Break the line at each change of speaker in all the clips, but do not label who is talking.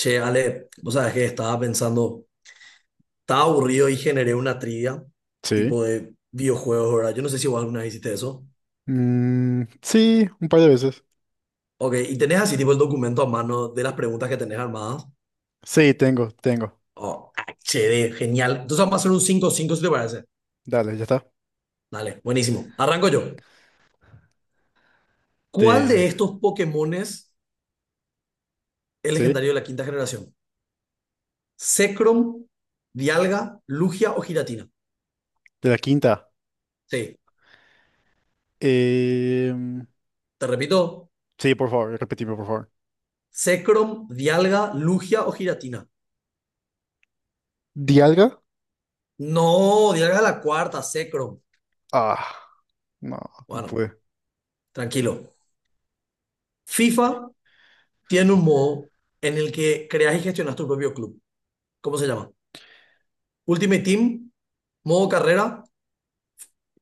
Che, Ale, vos sabés que estaba pensando, estaba aburrido y generé una trivia,
Sí.
tipo de videojuegos, ¿verdad? Yo no sé si vos alguna vez hiciste eso.
Sí, un par de veces.
Ok, y tenés así, tipo, el documento a mano de las preguntas que tenés armadas.
Sí, tengo.
Oh, HD, genial. Entonces vamos a hacer un cinco. 5 si te parece.
Dale, ya está.
Dale, buenísimo. Arranco yo. ¿Cuál
De,
de estos Pokémones es
sí,
legendario de la quinta generación? Zekrom, Dialga, Lugia o Giratina.
de la quinta.
Sí,
Em,
te repito,
sí, por favor, repetime, por favor.
Zekrom, Dialga, Lugia o Giratina.
¿Dialga?
No, llega la cuarta, Secro.
Ah, no, no
Bueno,
pude.
tranquilo. FIFA tiene un modo en el que creas y gestionas tu propio club. ¿Cómo se llama? Ultimate Team, modo carrera,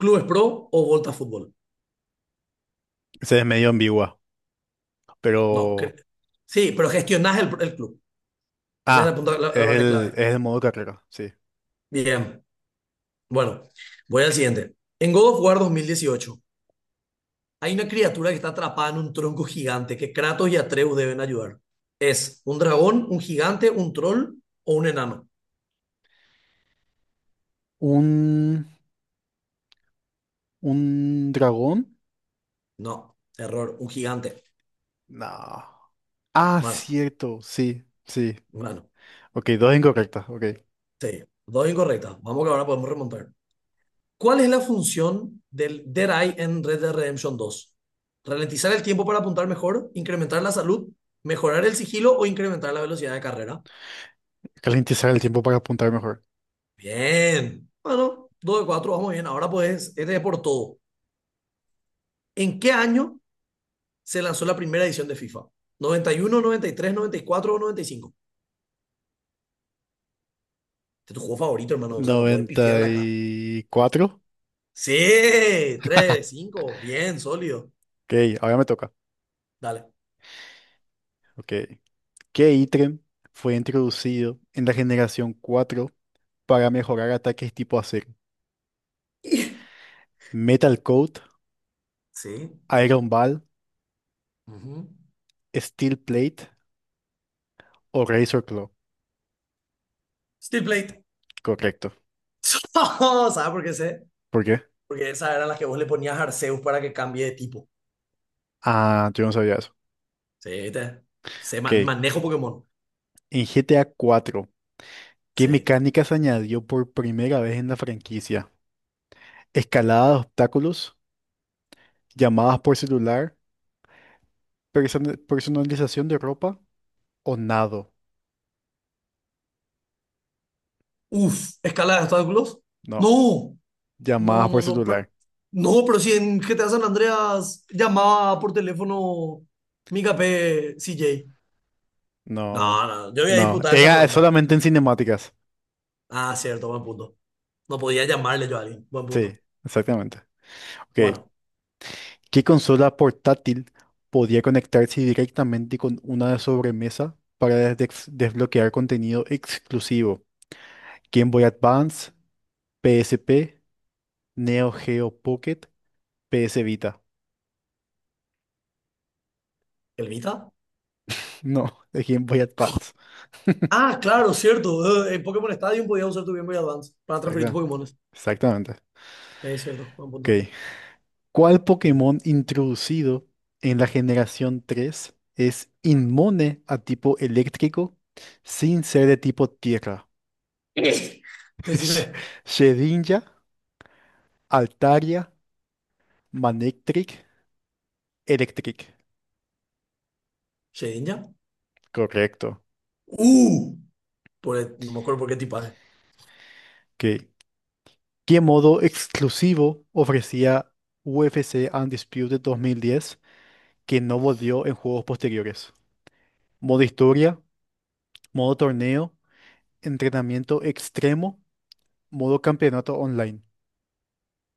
Clubes Pro o Volta Fútbol.
Ese es medio ambigua,
No,
pero...
sí, pero gestionas el club. Esa es la,
Ah,
punta- la- la parte clave.
es el modo carrera, sí.
Bien, bueno, voy al siguiente. En God of War 2018, hay una criatura que está atrapada en un tronco gigante que Kratos y Atreus deben ayudar. ¿Es un dragón, un gigante, un troll o un enano?
¿Un, ¿Un dragón?
No, error, un gigante.
No. Ah,
Mano,
cierto, sí, sí.
mano,
Ok, dos incorrectas, ok.
sí, dos incorrectas. Vamos que ahora podemos remontar. ¿Cuál es la función del Dead Eye en Red Dead Redemption 2? ¿Ralentizar el tiempo para apuntar mejor? ¿Incrementar la salud? ¿Mejorar el sigilo o incrementar la velocidad de carrera?
Calentizar el tiempo para apuntar mejor.
Bien. Bueno, dos de 4 vamos bien. Ahora pues, este es por todo. ¿En qué año se lanzó la primera edición de FIFA? Noventa y uno, noventa y tres, noventa y cuatro o 95? Este es tu juego favorito, hermano. O sea, no podés
Noventa
pifiarla acá.
y cuatro.
Sí, tres, cinco, bien, sólido.
Ok, ahora me toca.
Dale.
Ok. ¿Qué ítem fue introducido en la generación 4 para mejorar ataques tipo acero? Metal Coat,
Sí.
Iron Ball,
ujú.
Steel Plate o Razor Claw.
Steel Plate.
Correcto.
¿Sabes por qué sé?
¿Por qué?
Porque esas eran las que vos le ponías a Arceus para que cambie de tipo.
Ah, yo no sabía eso.
Sí, te. Sé,
Ok.
manejo Pokémon.
En G T A cuatro, ¿qué
Sí.
mecánica se añadió por primera vez en la franquicia? Escalada de obstáculos, llamadas por celular, personalización de ropa o nado.
Uf, escala de obstáculos.
No.
No, no,
Llamadas
no,
por
no.
celular.
No, pero si en GTA San Andreas llamaba por teléfono mi KP CJ.
No,
No, no, yo voy a
no.
disputar esa
Era
pregunta.
solamente en cinemáticas.
Ah, cierto, buen punto. No podía llamarle yo a alguien. Buen punto.
Sí, exactamente. Ok.
Bueno,
¿Qué consola portátil podía conectarse directamente con una de sobremesa para desbloquear contenido exclusivo? Game Boy Advance, PSP, Neo Geo Pocket, PS Vita.
¿el Vita?
No, es Game Boy Advance.
Ah, claro, cierto. En Pokémon Stadium podías usar tu Game Boy Advance para transferir tus
Exacta-
Pokémones.
Exactamente.
Sí, es cierto. Buen punto.
Ok. ¿Cuál Pokémon introducido en la generación 3 es inmune a tipo eléctrico sin ser de tipo tierra?
Eh,
Sh-
Decime,
Shedinja, Altaria, Manectric, Electric.
¿Shedinja?
Correcto.
Uh, por no me acuerdo por qué tipaje.
Ok. ¿Qué modo exclusivo ofrecía UFC Undisputed 2010 que no volvió en juegos posteriores? ¿Modo historia? ¿Modo torneo? ¿Entrenamiento extremo? ¿Modo campeonato online?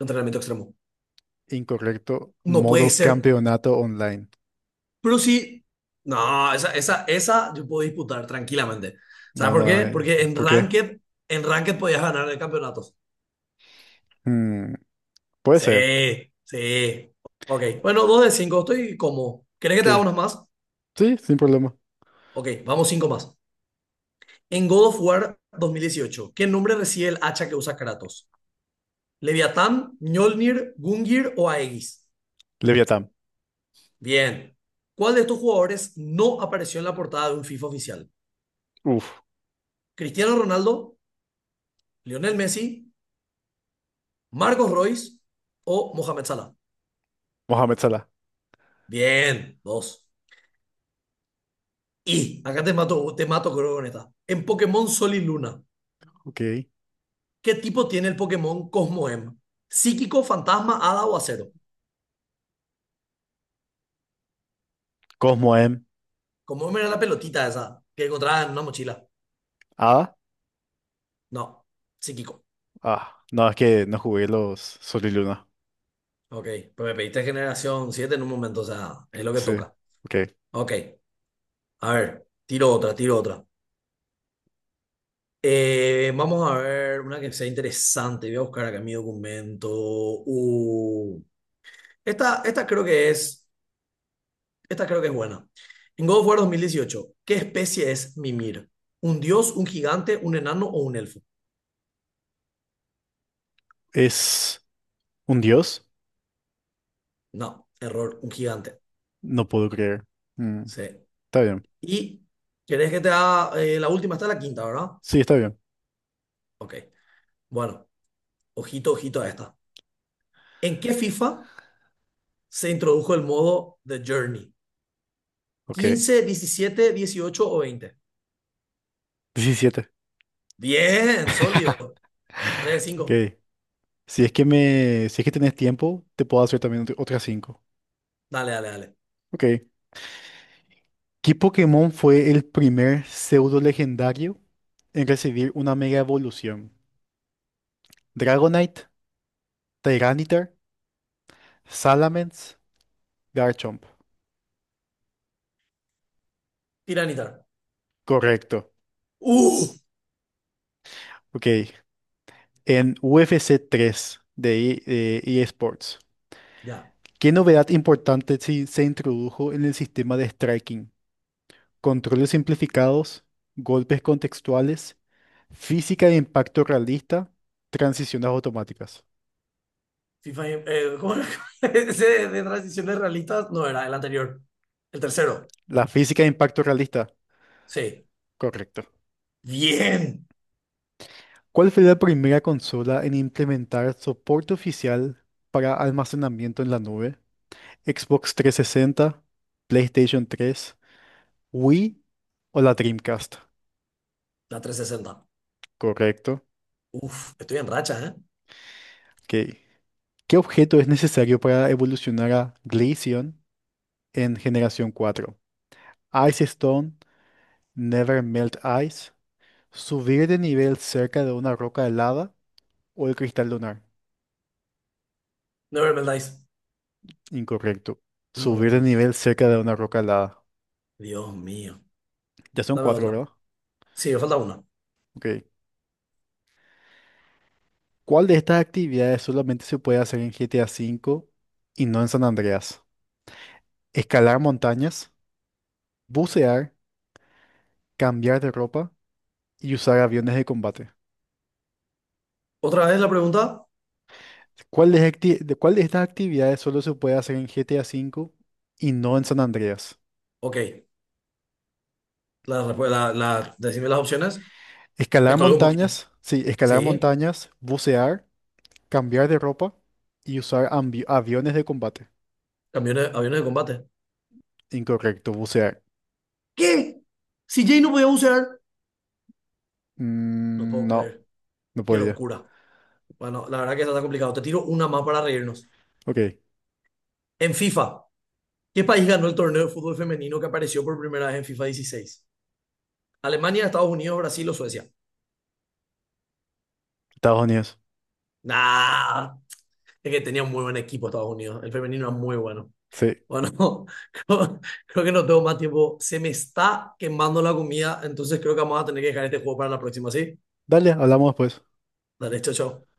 Entrenamiento extremo.
Incorrecto.
No puede
Modo
ser.
campeonato online.
Pero sí. No, esa yo puedo disputar tranquilamente. ¿Sabes
No,
por
no
qué?
hay.
Porque en
¿Por qué?
Ranked, en Ranked podías ganar el campeonato.
Mm, puede ser.
Sí, sí. Ok. Bueno, dos de cinco. Estoy como. ¿Querés que te haga
Ok.
unos más?
Sí, sin problema.
Ok, vamos cinco más. En God of War 2018, ¿qué nombre recibe el hacha que usa Kratos? ¿Leviatán, Mjolnir, Gungir o Aegis?
Leviatán.
Bien. ¿Cuál de estos jugadores no apareció en la portada de un FIFA oficial?
Uf.
¿Cristiano Ronaldo, Lionel Messi, Marcos Royce o Mohamed Salah?
Mohamed Salah.
Bien, dos. Y acá te mato creo con esta. En Pokémon Sol y Luna,
Ok.
¿qué tipo tiene el Pokémon Cosmoem? ¿Psíquico, fantasma, hada o acero?
Cosmo M.
Como era la pelotita esa que encontraba en una mochila.
Ah.
No, psíquico.
Ah. No, es que no jugué los Sol y Luna.
Ok, pues me pediste generación 7 en un momento, o sea, es lo que
Sí.
toca.
Ok.
Ok, a ver, tiro otra, tiro otra. Vamos a ver una que sea interesante. Voy a buscar acá mi documento. Uh, esta, esta creo que es, esta creo que es buena. En God of War dos mil dieciocho, ¿qué especie es Mimir? ¿Un dios, un gigante, un enano o un elfo?
¿Es un dios?
No, error, un gigante.
No puedo creer. Mm,
Sí.
está bien.
¿Y querés que te haga la última? Está la quinta, ¿verdad?
Sí, está bien.
Ok. Bueno, ojito, ojito a esta. ¿En qué FIFA se introdujo el modo The Journey?
Ok.
¿15, 17, 18 o 20?
Diecisiete.
Bien, sólido. 3, de
Ok.
5.
Si es que me. Si es que tenés tiempo, te puedo hacer también otras 5.
Dale, dale, dale.
Ok. ¿Qué Pokémon fue el primer pseudo legendario en recibir una mega evolución? Dragonite, Tyranitar, Salamence, Garchomp.
Tiranitar.
Correcto.
¡Uh!
Ok. En UFC 3 de eSports,
Ya.
¿qué novedad importante se introdujo en el sistema de striking? Controles simplificados, golpes contextuales, física de impacto realista, transiciones automáticas.
FIFA, ¿cómo era? Ese de transiciones realistas no era el anterior. El tercero.
La física de impacto realista.
Sí.
Correcto.
Bien.
¿Cuál fue la primera consola en implementar soporte oficial para almacenamiento en la nube? ¿Xbox 360, PlayStation 3, Wii o la Dreamcast?
La 360.
Correcto.
Uf, estoy en racha, ¿eh?
Ok. ¿Qué objeto es necesario para evolucionar a Glaceon en generación 4? Ice Stone, Never Melt Ice, subir de nivel cerca de una roca helada o el cristal lunar.
Never Melt Dice.
Incorrecto. Subir de
No,
nivel cerca de una roca helada.
Dios mío.
Ya son
Dame
cuatro,
otra.
¿verdad?
Sí, me falta una.
Ok. ¿Cuál de estas actividades solamente se puede hacer en GTA V y no en San Andreas? Escalar montañas, bucear, cambiar de ropa y usar aviones de combate.
¿Otra vez la pregunta?
¿Cuál de, cuál de estas actividades solo se puede hacer en GTA V y no en San Andreas?
Ok. La, respu- la, decime las opciones. Me
Escalar
colgué un poquito.
montañas, sí, escalar
Sí,
montañas, bucear, cambiar de ropa y usar aviones de combate.
aviones de combate.
Incorrecto, bucear.
¿Qué? Si Jay no podía bucear. No
Mm,
puedo
no,
creer.
no
Qué
podía.
locura. Bueno, la verdad que eso está complicado. Te tiro una más para reírnos.
Ok,
En FIFA, ¿qué país ganó el torneo de fútbol femenino que apareció por primera vez en FIFA 16? ¿Alemania, Estados Unidos, Brasil o Suecia?
Estados Unidos.
Nah, es que tenía un muy buen equipo Estados Unidos. El femenino era muy bueno.
Sí.
Bueno, creo, creo que no tengo más tiempo. Se me está quemando la comida, entonces creo que vamos a tener que dejar este juego para la próxima, ¿sí?
Dale, hablamos después.
Dale, chao, chao.